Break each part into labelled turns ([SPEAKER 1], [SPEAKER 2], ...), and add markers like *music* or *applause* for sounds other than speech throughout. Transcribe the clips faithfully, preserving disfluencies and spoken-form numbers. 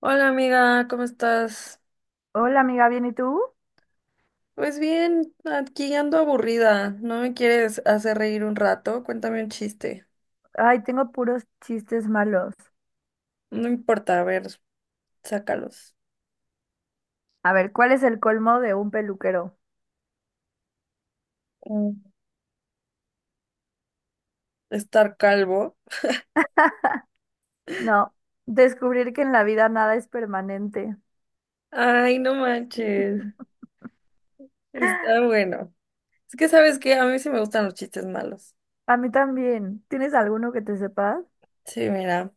[SPEAKER 1] Hola amiga, ¿cómo estás?
[SPEAKER 2] Hola amiga, ¿bien y tú?
[SPEAKER 1] Pues bien, aquí ando aburrida. ¿No me quieres hacer reír un rato? Cuéntame un chiste.
[SPEAKER 2] Ay, tengo puros chistes malos.
[SPEAKER 1] No importa, a ver, sácalos.
[SPEAKER 2] A ver, ¿cuál es el colmo de un peluquero?
[SPEAKER 1] Mm. Estar calvo.
[SPEAKER 2] *laughs* No, descubrir que en la vida nada es permanente.
[SPEAKER 1] Ay, no manches.
[SPEAKER 2] *laughs*
[SPEAKER 1] Está bueno. Es que sabes que a mí sí me gustan los chistes malos.
[SPEAKER 2] A mí también. ¿Tienes alguno que te sepas?
[SPEAKER 1] Sí, mira,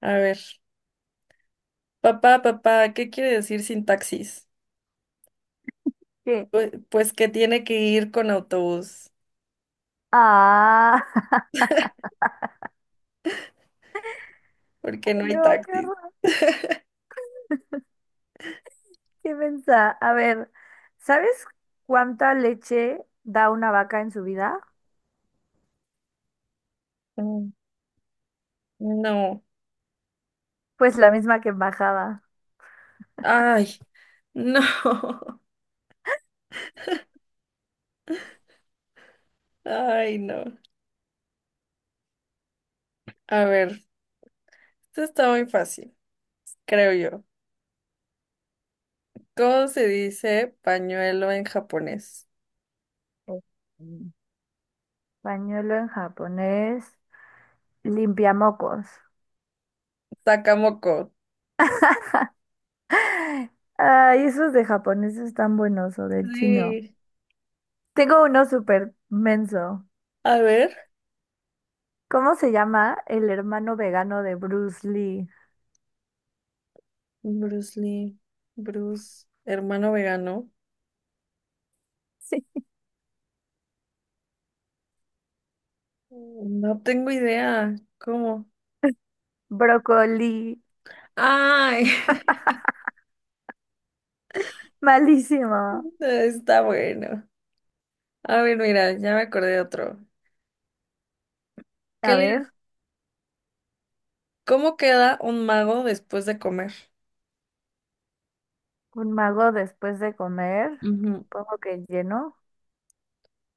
[SPEAKER 1] a ver. Papá, papá, ¿qué quiere decir sin taxis?
[SPEAKER 2] ¿Qué?
[SPEAKER 1] Pues, pues que tiene que ir con autobús,
[SPEAKER 2] Ah, *laughs*
[SPEAKER 1] porque no hay *laughs*
[SPEAKER 2] no, qué
[SPEAKER 1] taxis.
[SPEAKER 2] horror, qué mensa. A ver, ¿sabes cuánta leche da una vaca en su vida?
[SPEAKER 1] Mm. No.
[SPEAKER 2] Pues la misma que embajada.
[SPEAKER 1] Ay, no. *laughs* Ay, no. A ver, esto está muy fácil, creo yo. ¿Cómo se dice pañuelo en japonés?
[SPEAKER 2] Eh, Pañuelo en japonés, limpiamocos.
[SPEAKER 1] Sakamoko.
[SPEAKER 2] *laughs* Ay, esos de japoneses están buenos o del chino.
[SPEAKER 1] Sí.
[SPEAKER 2] Tengo uno súper menso.
[SPEAKER 1] A ver,
[SPEAKER 2] ¿Cómo se llama? El hermano vegano de Bruce Lee.
[SPEAKER 1] Bruce Lee, Bruce, hermano vegano.
[SPEAKER 2] Sí.
[SPEAKER 1] No tengo idea. ¿Cómo?
[SPEAKER 2] Brócoli.
[SPEAKER 1] Ay, *laughs*
[SPEAKER 2] Malísimo.
[SPEAKER 1] está bueno. A ver, mira, ya me acordé de otro. ¿Qué
[SPEAKER 2] A
[SPEAKER 1] le-
[SPEAKER 2] ver,
[SPEAKER 1] ¿Cómo queda un mago después de comer?
[SPEAKER 2] un mago después de comer.
[SPEAKER 1] Ujú.
[SPEAKER 2] Supongo que lleno.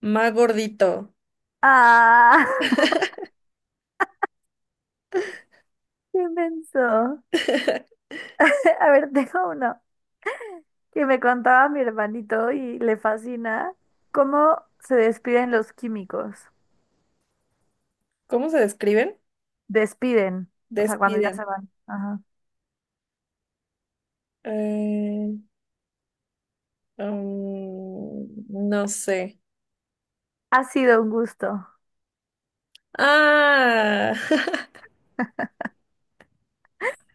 [SPEAKER 1] Más gordito.
[SPEAKER 2] Ah, *laughs* qué menso.
[SPEAKER 1] *laughs*
[SPEAKER 2] *laughs* A ver, tengo uno que me contaba mi hermanito y le fascina. ¿Cómo se despiden los químicos?
[SPEAKER 1] ¿Cómo se describen?
[SPEAKER 2] Despiden. O sea, cuando ya se
[SPEAKER 1] Despiden.
[SPEAKER 2] van. Ajá.
[SPEAKER 1] Eh, um, no sé.
[SPEAKER 2] Ha sido un gusto.
[SPEAKER 1] Ah,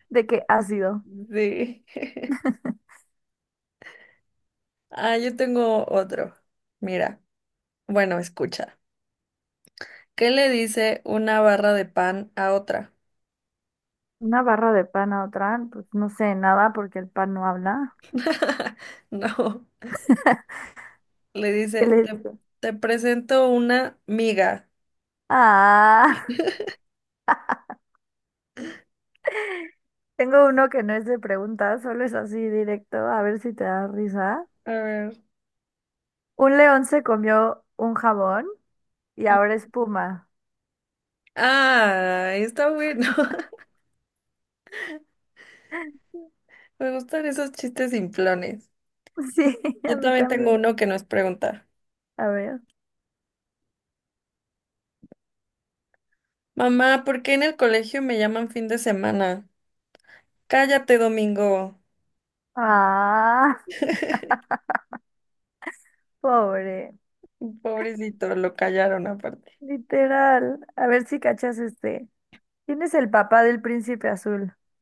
[SPEAKER 2] ¿De qué ha sido?
[SPEAKER 1] *laughs* sí. Ah, yo tengo otro. Mira, bueno, escucha. ¿Qué le dice una barra de pan a otra?
[SPEAKER 2] Una barra de pan a otra, pues no sé nada porque el pan no habla.
[SPEAKER 1] *laughs* No, le
[SPEAKER 2] ¿Qué
[SPEAKER 1] dice,
[SPEAKER 2] le
[SPEAKER 1] te,
[SPEAKER 2] dice?
[SPEAKER 1] te presento una miga.
[SPEAKER 2] Ah, *laughs* tengo uno que no es de preguntas, solo es así directo, a ver si te da risa.
[SPEAKER 1] A ver.
[SPEAKER 2] Un león se comió un jabón y ahora espuma.
[SPEAKER 1] Ah, está bueno. *laughs* Me gustan esos chistes simplones.
[SPEAKER 2] *laughs* Sí, a
[SPEAKER 1] Yo
[SPEAKER 2] mí
[SPEAKER 1] también tengo
[SPEAKER 2] también.
[SPEAKER 1] uno que nos pregunta.
[SPEAKER 2] A ver.
[SPEAKER 1] Mamá, ¿por qué en el colegio me llaman fin de semana? Cállate, Domingo.
[SPEAKER 2] Ah, pobre.
[SPEAKER 1] Pobrecito, lo callaron aparte.
[SPEAKER 2] Literal. A ver si cachas este. ¿Quién es el papá del príncipe azul? *laughs*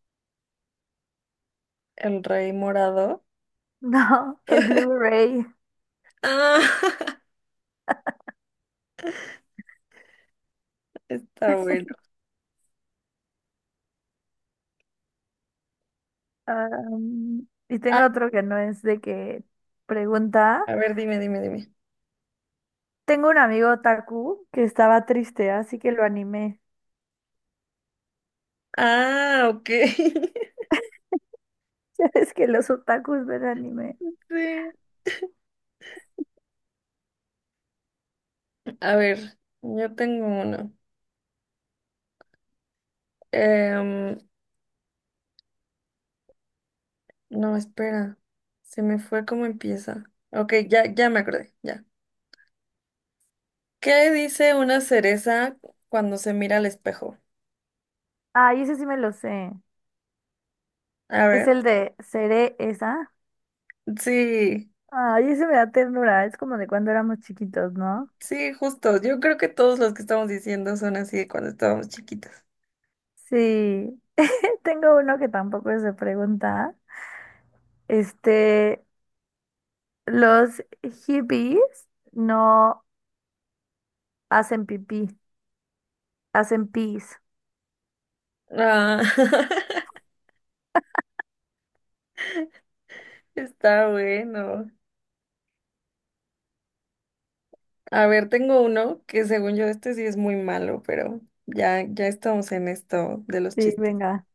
[SPEAKER 1] El rey morado.
[SPEAKER 2] No, el Blu-ray.
[SPEAKER 1] Ah, *laughs* está bueno.
[SPEAKER 2] Am, y
[SPEAKER 1] Ah,
[SPEAKER 2] tengo otro que no es de que pregunta.
[SPEAKER 1] a ver, dime, dime, dime.
[SPEAKER 2] Tengo un amigo otaku que estaba triste, así que lo animé. *laughs*
[SPEAKER 1] Ah, ok. *laughs*
[SPEAKER 2] Ya ves que los otakus ven anime.
[SPEAKER 1] Sí. A ver, yo tengo uno. Em, no, espera. Se me fue cómo empieza. Ok, ya, ya me acordé, ya. ¿Qué dice una cereza cuando se mira al espejo?
[SPEAKER 2] Ay, ese sí me lo sé.
[SPEAKER 1] A
[SPEAKER 2] Es
[SPEAKER 1] ver.
[SPEAKER 2] el de Seré esa.
[SPEAKER 1] Sí,
[SPEAKER 2] Ay, ese me da ternura. Es como de cuando éramos chiquitos, ¿no?
[SPEAKER 1] sí, justo. Yo creo que todos los que estamos diciendo son así de cuando estábamos chiquitos.
[SPEAKER 2] Sí. *laughs* Tengo uno que tampoco es de pregunta. Este, los hippies no hacen pipí, hacen pis.
[SPEAKER 1] Ah, *laughs* está bueno. A ver, tengo uno que según yo este sí es muy malo, pero ya, ya estamos en esto de los
[SPEAKER 2] Sí,
[SPEAKER 1] chistes.
[SPEAKER 2] venga.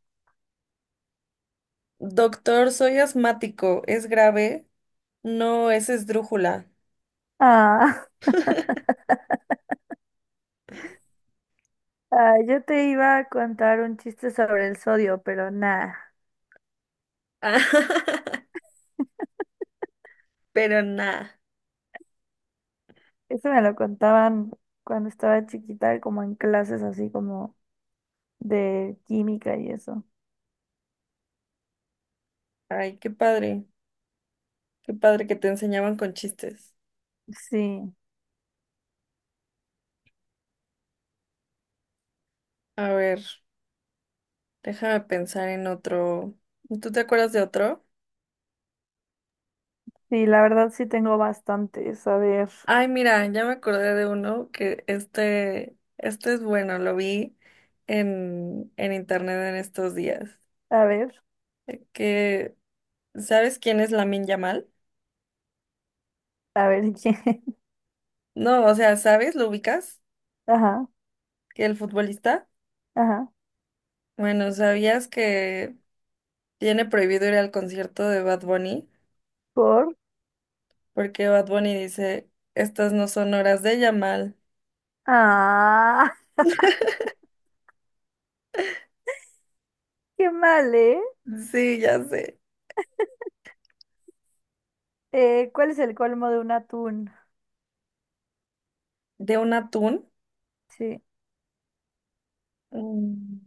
[SPEAKER 1] Doctor, soy asmático, ¿es grave? No, es esdrújula.
[SPEAKER 2] Ah. Ah, yo te iba a contar un chiste sobre el sodio, pero nada.
[SPEAKER 1] *laughs* Pero nada.
[SPEAKER 2] Eso me lo contaban cuando estaba chiquita, como en clases así como de química y eso.
[SPEAKER 1] Ay, qué padre, qué padre que te enseñaban con chistes.
[SPEAKER 2] Sí,
[SPEAKER 1] A ver, déjame pensar en otro. ¿Tú te acuerdas de otro?
[SPEAKER 2] sí, la verdad sí tengo bastantes. A ver,
[SPEAKER 1] Ay, mira, ya me acordé de uno que este, este es bueno, lo vi en, en internet en estos días.
[SPEAKER 2] a ver,
[SPEAKER 1] eh, Que, ¿sabes quién es Lamin Yamal?
[SPEAKER 2] a ver *laughs* quién.
[SPEAKER 1] No, o sea, ¿sabes? ¿Lo ubicas?
[SPEAKER 2] Ajá,
[SPEAKER 1] ¿Que el futbolista?
[SPEAKER 2] ajá.
[SPEAKER 1] Bueno, ¿sabías que tiene prohibido ir al concierto de Bad Bunny?
[SPEAKER 2] Por.
[SPEAKER 1] Porque Bad Bunny dice, estas no son horas de Yamal.
[SPEAKER 2] Ah, *laughs* qué mal, ¿eh?
[SPEAKER 1] Sí, ya sé.
[SPEAKER 2] Eh, ¿cuál es el colmo de un atún?
[SPEAKER 1] ¿De un atún?
[SPEAKER 2] Sí,
[SPEAKER 1] Mm,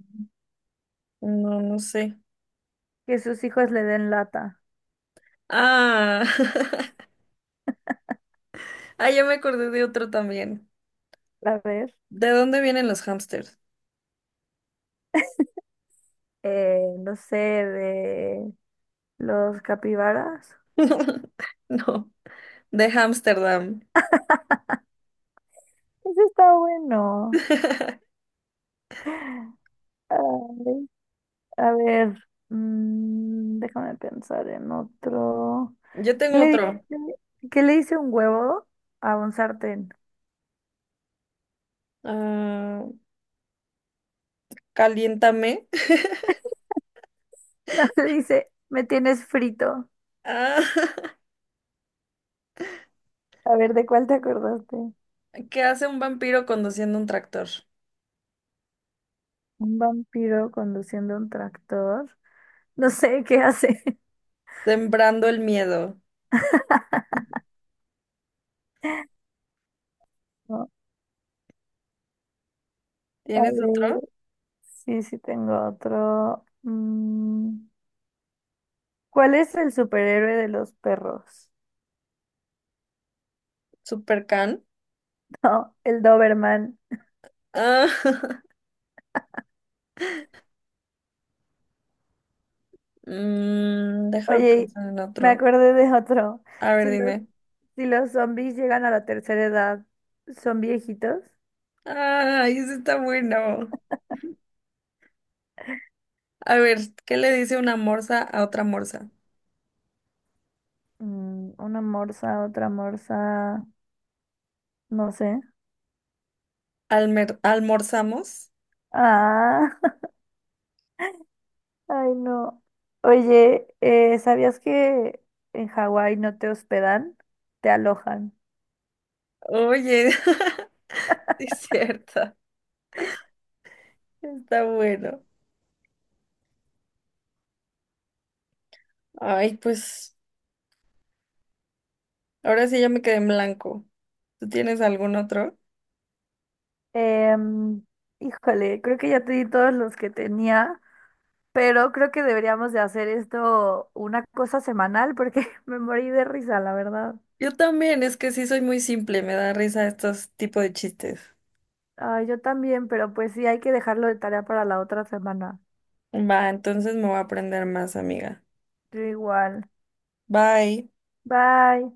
[SPEAKER 1] no, no sé.
[SPEAKER 2] que sus hijos le den lata.
[SPEAKER 1] Ah. *laughs* Ah, ya me acordé de otro también.
[SPEAKER 2] A ver,
[SPEAKER 1] ¿De dónde vienen los hámsters?
[SPEAKER 2] eh, no sé, de los capibaras.
[SPEAKER 1] *laughs* No, de Ámsterdam.
[SPEAKER 2] Eso está bueno.
[SPEAKER 1] *laughs*
[SPEAKER 2] Ay, a ver, mm, déjame pensar en otro.
[SPEAKER 1] Yo
[SPEAKER 2] ¿Qué
[SPEAKER 1] tengo
[SPEAKER 2] le
[SPEAKER 1] otro.
[SPEAKER 2] dice, qué le dice un huevo a un sartén? *laughs*
[SPEAKER 1] Ah, caliéntame. *laughs*
[SPEAKER 2] No, le dice, me tienes frito.
[SPEAKER 1] Ah,
[SPEAKER 2] A ver, ¿de cuál te acordaste?
[SPEAKER 1] *laughs* ¿qué hace un vampiro conduciendo un tractor?
[SPEAKER 2] Un vampiro conduciendo un tractor. No sé qué hace. *laughs*
[SPEAKER 1] Sembrando el miedo.
[SPEAKER 2] No, a
[SPEAKER 1] ¿Tienes otro?
[SPEAKER 2] ver, sí, sí tengo otro. Mm, ¿cuál es el superhéroe de los perros?
[SPEAKER 1] Supercan.
[SPEAKER 2] *laughs* No, el Doberman.
[SPEAKER 1] Ah, *laughs* mm, déjame
[SPEAKER 2] Oye,
[SPEAKER 1] pensar en
[SPEAKER 2] me
[SPEAKER 1] otro.
[SPEAKER 2] acordé de otro.
[SPEAKER 1] A ver,
[SPEAKER 2] Si los,
[SPEAKER 1] dime.
[SPEAKER 2] si los zombies llegan a la tercera edad, ¿son viejitos?
[SPEAKER 1] Ay, ese está bueno. A ver, ¿qué le dice una morsa a otra morsa?
[SPEAKER 2] Mm, una morsa, otra morsa, no sé.
[SPEAKER 1] ¿Almer- ¿Almorzamos?
[SPEAKER 2] Ah, *laughs* ay no. Oye, eh, ¿sabías que en Hawái no te hospedan? Te alojan.
[SPEAKER 1] Oye, *laughs* sí es cierto. Está bueno. Ay, pues ahora sí ya me quedé en blanco. ¿Tú tienes algún otro?
[SPEAKER 2] Em, híjole, creo que ya te di todos los que tenía, pero creo que deberíamos de hacer esto una cosa semanal porque *laughs* me morí de risa, la verdad.
[SPEAKER 1] Yo también, es que sí soy muy simple, me da risa estos tipos de chistes.
[SPEAKER 2] Ay, yo también, pero pues sí, hay que dejarlo de tarea para la otra semana.
[SPEAKER 1] Va, entonces me voy a aprender más, amiga.
[SPEAKER 2] Yo igual.
[SPEAKER 1] Bye.
[SPEAKER 2] Bye.